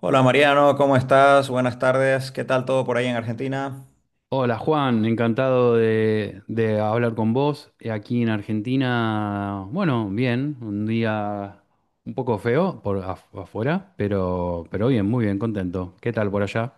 Hola Mariano, ¿cómo estás? Buenas tardes. ¿Qué tal todo por ahí en Argentina? Hola Juan, encantado de hablar con vos. Aquí en Argentina, bueno, bien, un día un poco feo por afuera, pero bien, muy bien, contento. ¿Qué tal por allá?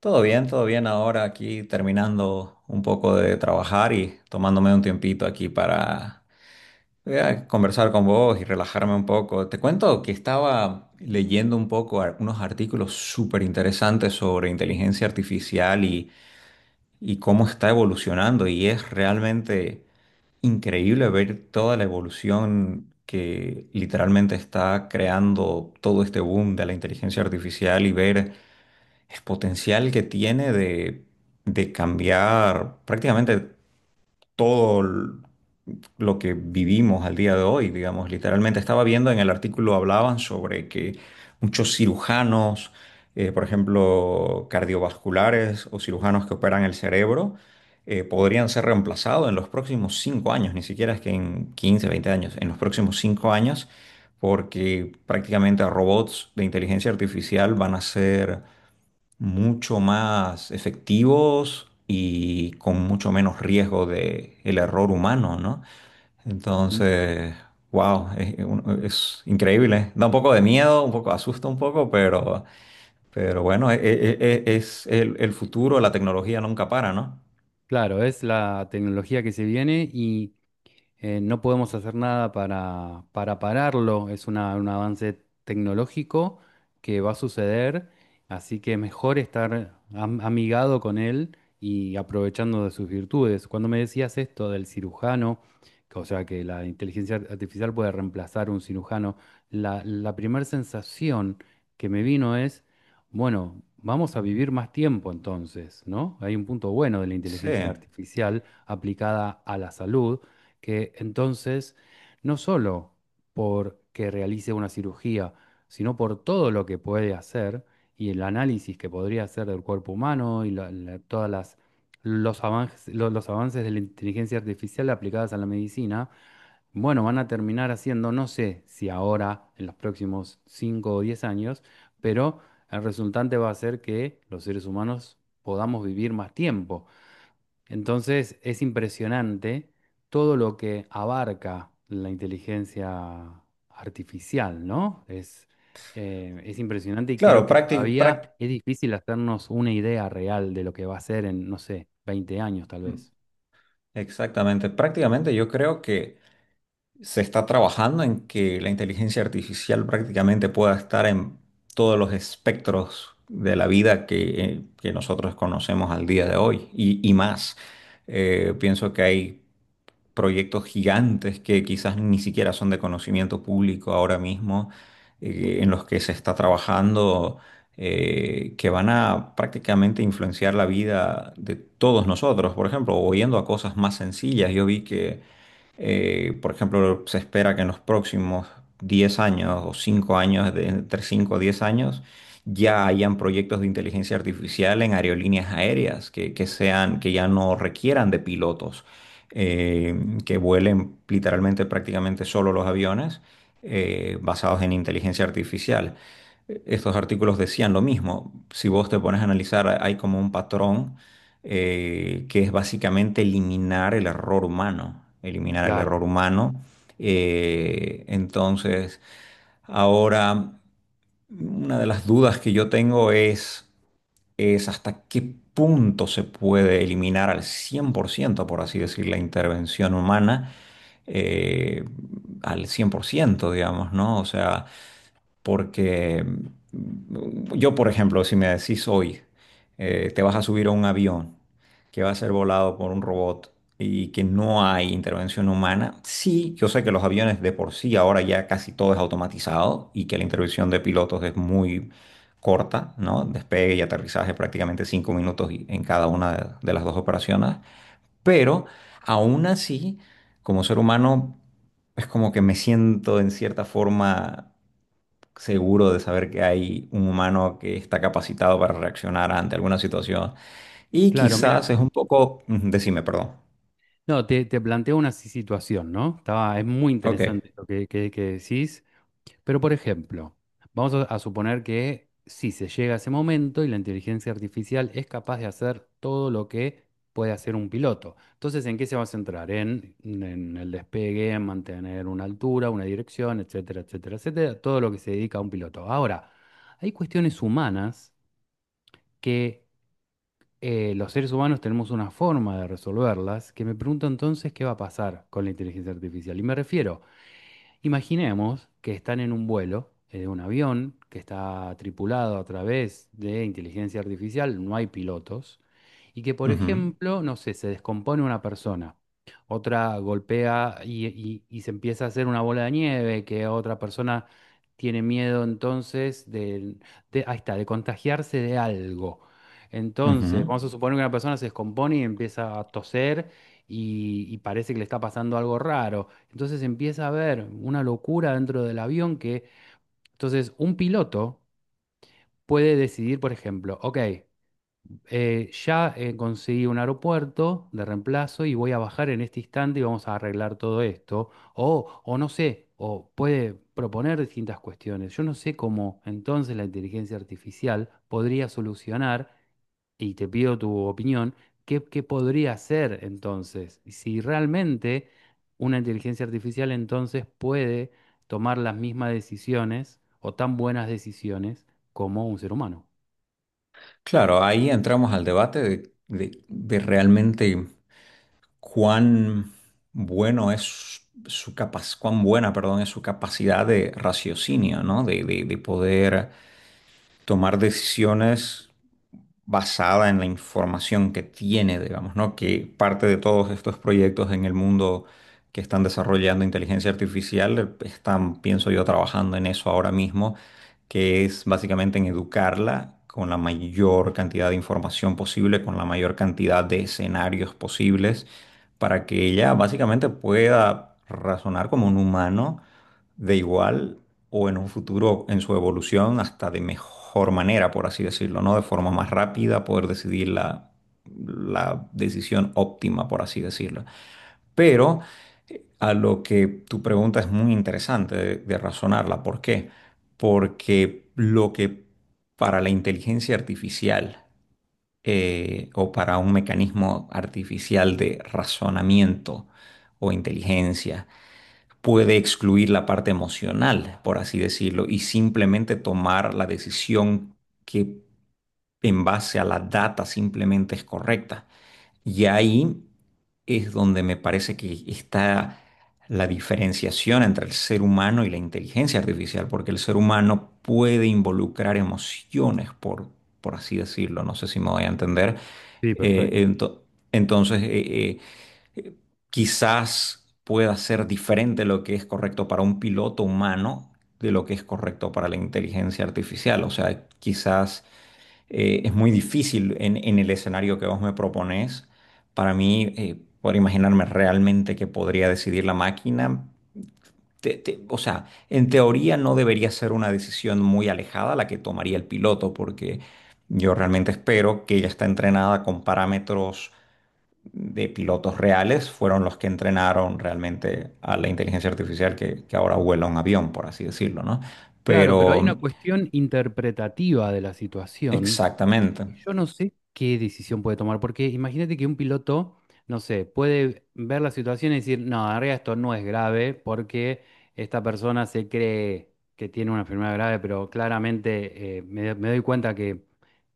Todo bien, todo bien. Ahora aquí terminando un poco de trabajar y tomándome un tiempito aquí para conversar con vos y relajarme un poco. Te cuento que estaba leyendo un poco unos artículos súper interesantes sobre inteligencia artificial y cómo está evolucionando y es realmente increíble ver toda la evolución que literalmente está creando todo este boom de la inteligencia artificial y ver el potencial que tiene de cambiar prácticamente todo l- lo que vivimos al día de hoy, digamos. Literalmente estaba viendo en el artículo, hablaban sobre que muchos cirujanos, por ejemplo, cardiovasculares, o cirujanos que operan el cerebro, podrían ser reemplazados en los próximos cinco años. Ni siquiera es que en 15, 20 años, en los próximos cinco años, porque prácticamente robots de inteligencia artificial van a ser mucho más efectivos y con mucho menos riesgo de el error humano, ¿no? Mm. Entonces, wow, es increíble. ¿Eh? Da un poco de miedo, un poco asusta un poco, pero bueno, es, el futuro, la tecnología nunca para, ¿no? Claro, es la tecnología que se viene no podemos hacer nada para pararlo, es un avance tecnológico que va a suceder, así que mejor estar amigado con él y aprovechando de sus virtudes. Cuando me decías esto del cirujano, o sea, que la inteligencia artificial puede reemplazar un cirujano, la primera sensación que me vino es, bueno, vamos a vivir más tiempo entonces, ¿no? Hay un punto bueno de la Sí, inteligencia artificial aplicada a la salud que entonces, no solo porque realice una cirugía, sino por todo lo que puede hacer y el análisis que podría hacer del cuerpo humano y todas las, los avances, los avances de la inteligencia artificial aplicadas a la medicina, bueno, van a terminar haciendo, no sé si ahora, en los próximos 5 o 10 años, pero el resultante va a ser que los seres humanos podamos vivir más tiempo. Entonces es impresionante todo lo que abarca la inteligencia artificial, ¿no? Es impresionante y creo claro, que todavía es difícil hacernos una idea real de lo que va a ser en, no sé, 20 años tal mm, vez. exactamente. Prácticamente yo creo que se está trabajando en que la inteligencia artificial prácticamente pueda estar en todos los espectros de la vida que nosotros conocemos al día de hoy y más. Pienso que hay proyectos gigantes que quizás ni siquiera son de conocimiento público ahora mismo, en los que se está trabajando, que van a prácticamente influenciar la vida de todos nosotros. Por ejemplo, o yendo a cosas más sencillas, yo vi que, por ejemplo, se espera que en los próximos 10 años o 5 años, de, entre 5 o 10 años, ya hayan proyectos de inteligencia artificial en aerolíneas aéreas que sean, que ya no requieran de pilotos eh, que vuelen literalmente prácticamente solo los aviones, basados en inteligencia artificial. Estos artículos decían lo mismo. Si vos te pones a analizar, hay como un patrón que es básicamente eliminar el error humano, eliminar el Claro, error humano. Entonces, ahora, una de las dudas que yo tengo es hasta qué punto se puede eliminar al cien por ciento, por así decir, la intervención humana, eh, al 100%, digamos, ¿no? O sea, porque yo, por ejemplo, si me decís hoy, te vas a subir a un avión que va a ser volado por un robot y que no hay intervención humana. Sí, yo sé que los aviones de por sí ahora ya casi todo es automatizado y que la intervención de pilotos es muy corta, ¿no? Despegue y aterrizaje prácticamente cinco minutos en cada una de las dos operaciones, pero aún así, como ser humano, es como que me siento en cierta forma seguro de saber que hay un humano que está capacitado para reaccionar ante alguna situación. Y claro, mira, quizás es un poco, ujú, decime, perdón. no, te planteo una situación, ¿no? Estaba, es muy Ok. interesante lo que decís. Pero, por ejemplo, vamos a suponer que si se llega a ese momento y la inteligencia artificial es capaz de hacer todo lo que puede hacer un piloto. Entonces, ¿en qué se va a centrar? En el despegue, en mantener una altura, una dirección, etcétera, etcétera, etcétera, todo lo que se dedica a un piloto. Ahora, hay cuestiones humanas que los seres humanos tenemos una forma de resolverlas, que me pregunto entonces qué va a pasar con la inteligencia artificial. Y me refiero, imaginemos que están en un vuelo en un avión que está tripulado a través de inteligencia artificial, no hay pilotos, y que, por Ujú, ejemplo, no sé, se descompone una persona, otra golpea y, y se empieza a hacer una bola de nieve, que otra persona tiene miedo entonces de, ahí está, de contagiarse de algo. Entonces, ujú. vamos a suponer que una persona se descompone y empieza a toser y parece que le está pasando algo raro. Entonces empieza a haber una locura dentro del avión que, entonces, un piloto puede decidir, por ejemplo, ok, ya conseguí un aeropuerto de reemplazo y voy a bajar en este instante y vamos a arreglar todo esto. O no sé, o puede proponer distintas cuestiones. Yo no sé cómo entonces la inteligencia artificial podría solucionar, y te pido tu opinión, qué podría hacer entonces. Y si realmente una inteligencia artificial entonces puede tomar las mismas decisiones o tan buenas decisiones como un ser humano. Claro, ahí entramos al debate de, de realmente cuán bueno es su capaz, cuán buena, perdón, es su capacidad de raciocinio, ¿no? De, de poder tomar decisiones basada en la información que tiene, digamos, ¿no? Que parte de todos estos proyectos en el mundo que están desarrollando inteligencia artificial están, pienso yo, trabajando en eso ahora mismo, que es básicamente en educarla con la mayor cantidad de información posible, con la mayor cantidad de escenarios posibles, para que ella básicamente pueda razonar como un humano de igual o en un futuro en su evolución hasta de mejor manera, por así decirlo, ¿no? De forma más rápida, poder decidir la decisión óptima, por así decirlo. Pero a lo que tu pregunta es muy interesante de razonarla. ¿Por qué? Porque lo que para la inteligencia artificial o para un mecanismo artificial de razonamiento o inteligencia, puede excluir la parte emocional, por así decirlo, y simplemente tomar la decisión que en base a la data simplemente es correcta. Y ahí es donde me parece que está la diferenciación entre el ser humano y la inteligencia artificial, porque el ser humano puede involucrar emociones, por así decirlo, no sé si me voy a entender. Sí, perfecto. Eh, ento- entonces, eh, quizás pueda ser diferente lo que es correcto para un piloto humano de lo que es correcto para la inteligencia artificial. O sea, quizás es muy difícil en el escenario que vos me propones para mí, poder imaginarme realmente que podría decidir la máquina. O sea, en teoría no debería ser una decisión muy alejada la que tomaría el piloto, porque yo realmente espero que ella está entrenada con parámetros de pilotos reales fueron los que entrenaron realmente a la inteligencia artificial que ahora vuela un avión, por así decirlo, ¿no? Claro, pero hay Pero una cuestión interpretativa de la situación, exactamente, que yo no sé qué decisión puede tomar, porque imagínate que un piloto, no sé, puede ver la situación y decir, no, en realidad esto no es grave porque esta persona se cree que tiene una enfermedad grave, pero claramente me doy cuenta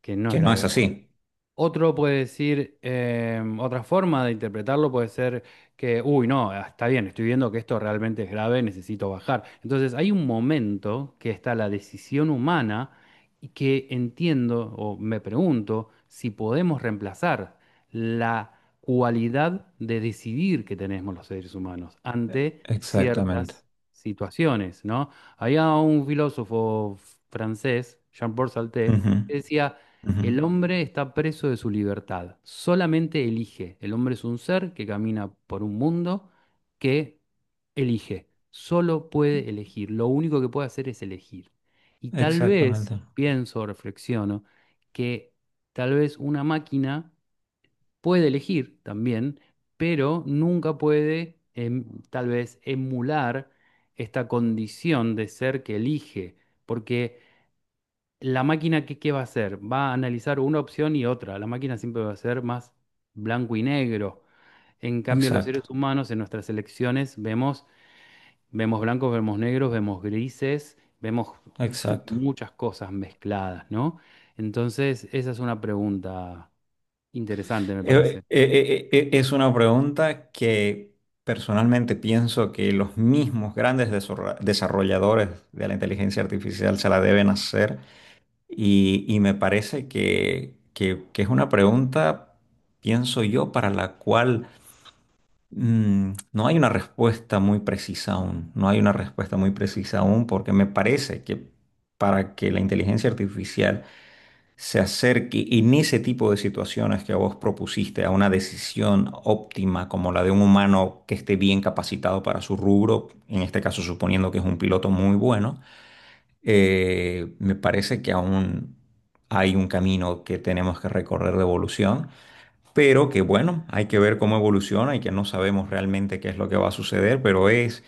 que no es que no es grave. así. Otro puede decir, otra forma de interpretarlo puede ser que, uy, no, ah, está bien, estoy viendo que esto realmente es grave, necesito bajar. Entonces hay un momento que está la decisión humana y que entiendo o me pregunto si podemos reemplazar la cualidad de decidir que tenemos los seres humanos ante Exactamente. ciertas situaciones, ¿no? Había un filósofo francés, Jean-Paul Sartre, Ujú, que decía ujú. el hombre está preso de su libertad, solamente elige. El hombre es un ser que camina por un mundo que elige, solo puede elegir, lo único que puede hacer es elegir. Y tal vez, Exactamente. pienso, reflexiono, que tal vez una máquina puede elegir también, pero nunca puede tal vez emular esta condición de ser que elige, porque la máquina, qué va a hacer? Va a analizar una opción y otra. La máquina siempre va a ser más blanco y negro. En cambio, los Exacto. seres humanos en nuestras elecciones vemos, vemos blancos, vemos negros, vemos grises, vemos Exacto. muchas cosas mezcladas, ¿no? Entonces, esa es una pregunta interesante, me parece. Es una pregunta que personalmente pienso que los mismos grandes desarrolladores de la inteligencia artificial se la deben hacer. Y me parece que es una pregunta, pienso yo, para la cual no hay una respuesta muy precisa aún. No hay una respuesta muy precisa aún porque me parece que para que la inteligencia artificial se acerque, y en ese tipo de situaciones que vos propusiste, a una decisión óptima como la de un humano que esté bien capacitado para su rubro, en este caso suponiendo que es un piloto muy bueno, me parece que aún hay un camino que tenemos que recorrer de evolución, pero que bueno, hay que ver cómo evoluciona y que no sabemos realmente qué es lo que va a suceder, pero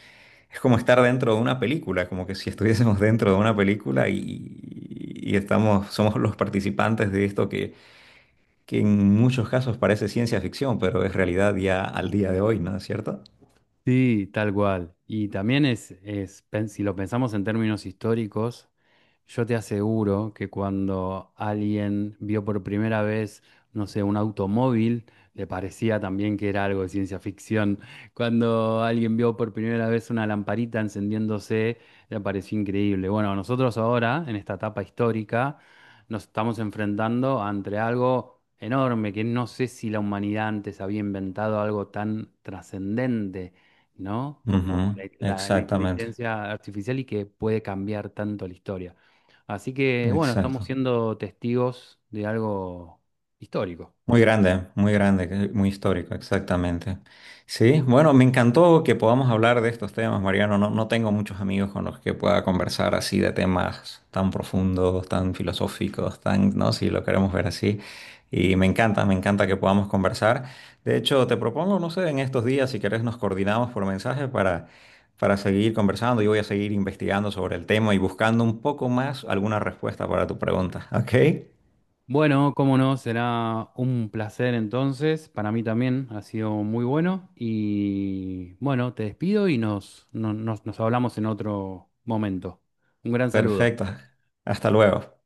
es como estar dentro de una película, como que si estuviésemos dentro de una película y estamos, somos los participantes de esto que en muchos casos parece ciencia ficción, pero es realidad ya al día de hoy, ¿no es cierto? Sí, tal cual. Y también si lo pensamos en términos históricos, yo te aseguro que cuando alguien vio por primera vez, no sé, un automóvil, le parecía también que era algo de ciencia ficción. Cuando alguien vio por primera vez una lamparita encendiéndose, le pareció increíble. Bueno, nosotros ahora, en esta etapa histórica, nos estamos enfrentando ante algo enorme, que no sé si la humanidad antes había inventado algo tan trascendente, ¿no? Ujú, Como la exactamente, inteligencia artificial y que puede cambiar tanto la historia. Así que, bueno, estamos exacto. siendo testigos de algo histórico. Muy grande, que muy histórico, exactamente. Sí, bueno, me encantó que podamos hablar de estos temas, Mariano. No, no tengo muchos amigos con los que pueda conversar así de temas tan profundos, tan filosóficos, tan, ¿no? Si lo queremos ver así. Y me encanta que podamos conversar. De hecho, te propongo, no sé, en estos días, si querés, nos coordinamos por mensaje para seguir conversando. Yo voy a seguir investigando sobre el tema y buscando un poco más alguna respuesta para tu pregunta. ¿Ok? Bueno, cómo no, será un placer entonces. Para mí también ha sido muy bueno. Y bueno, te despido y nos, no- nos, nos hablamos en otro momento. Un gran saludo. Perfecto. Hasta luego.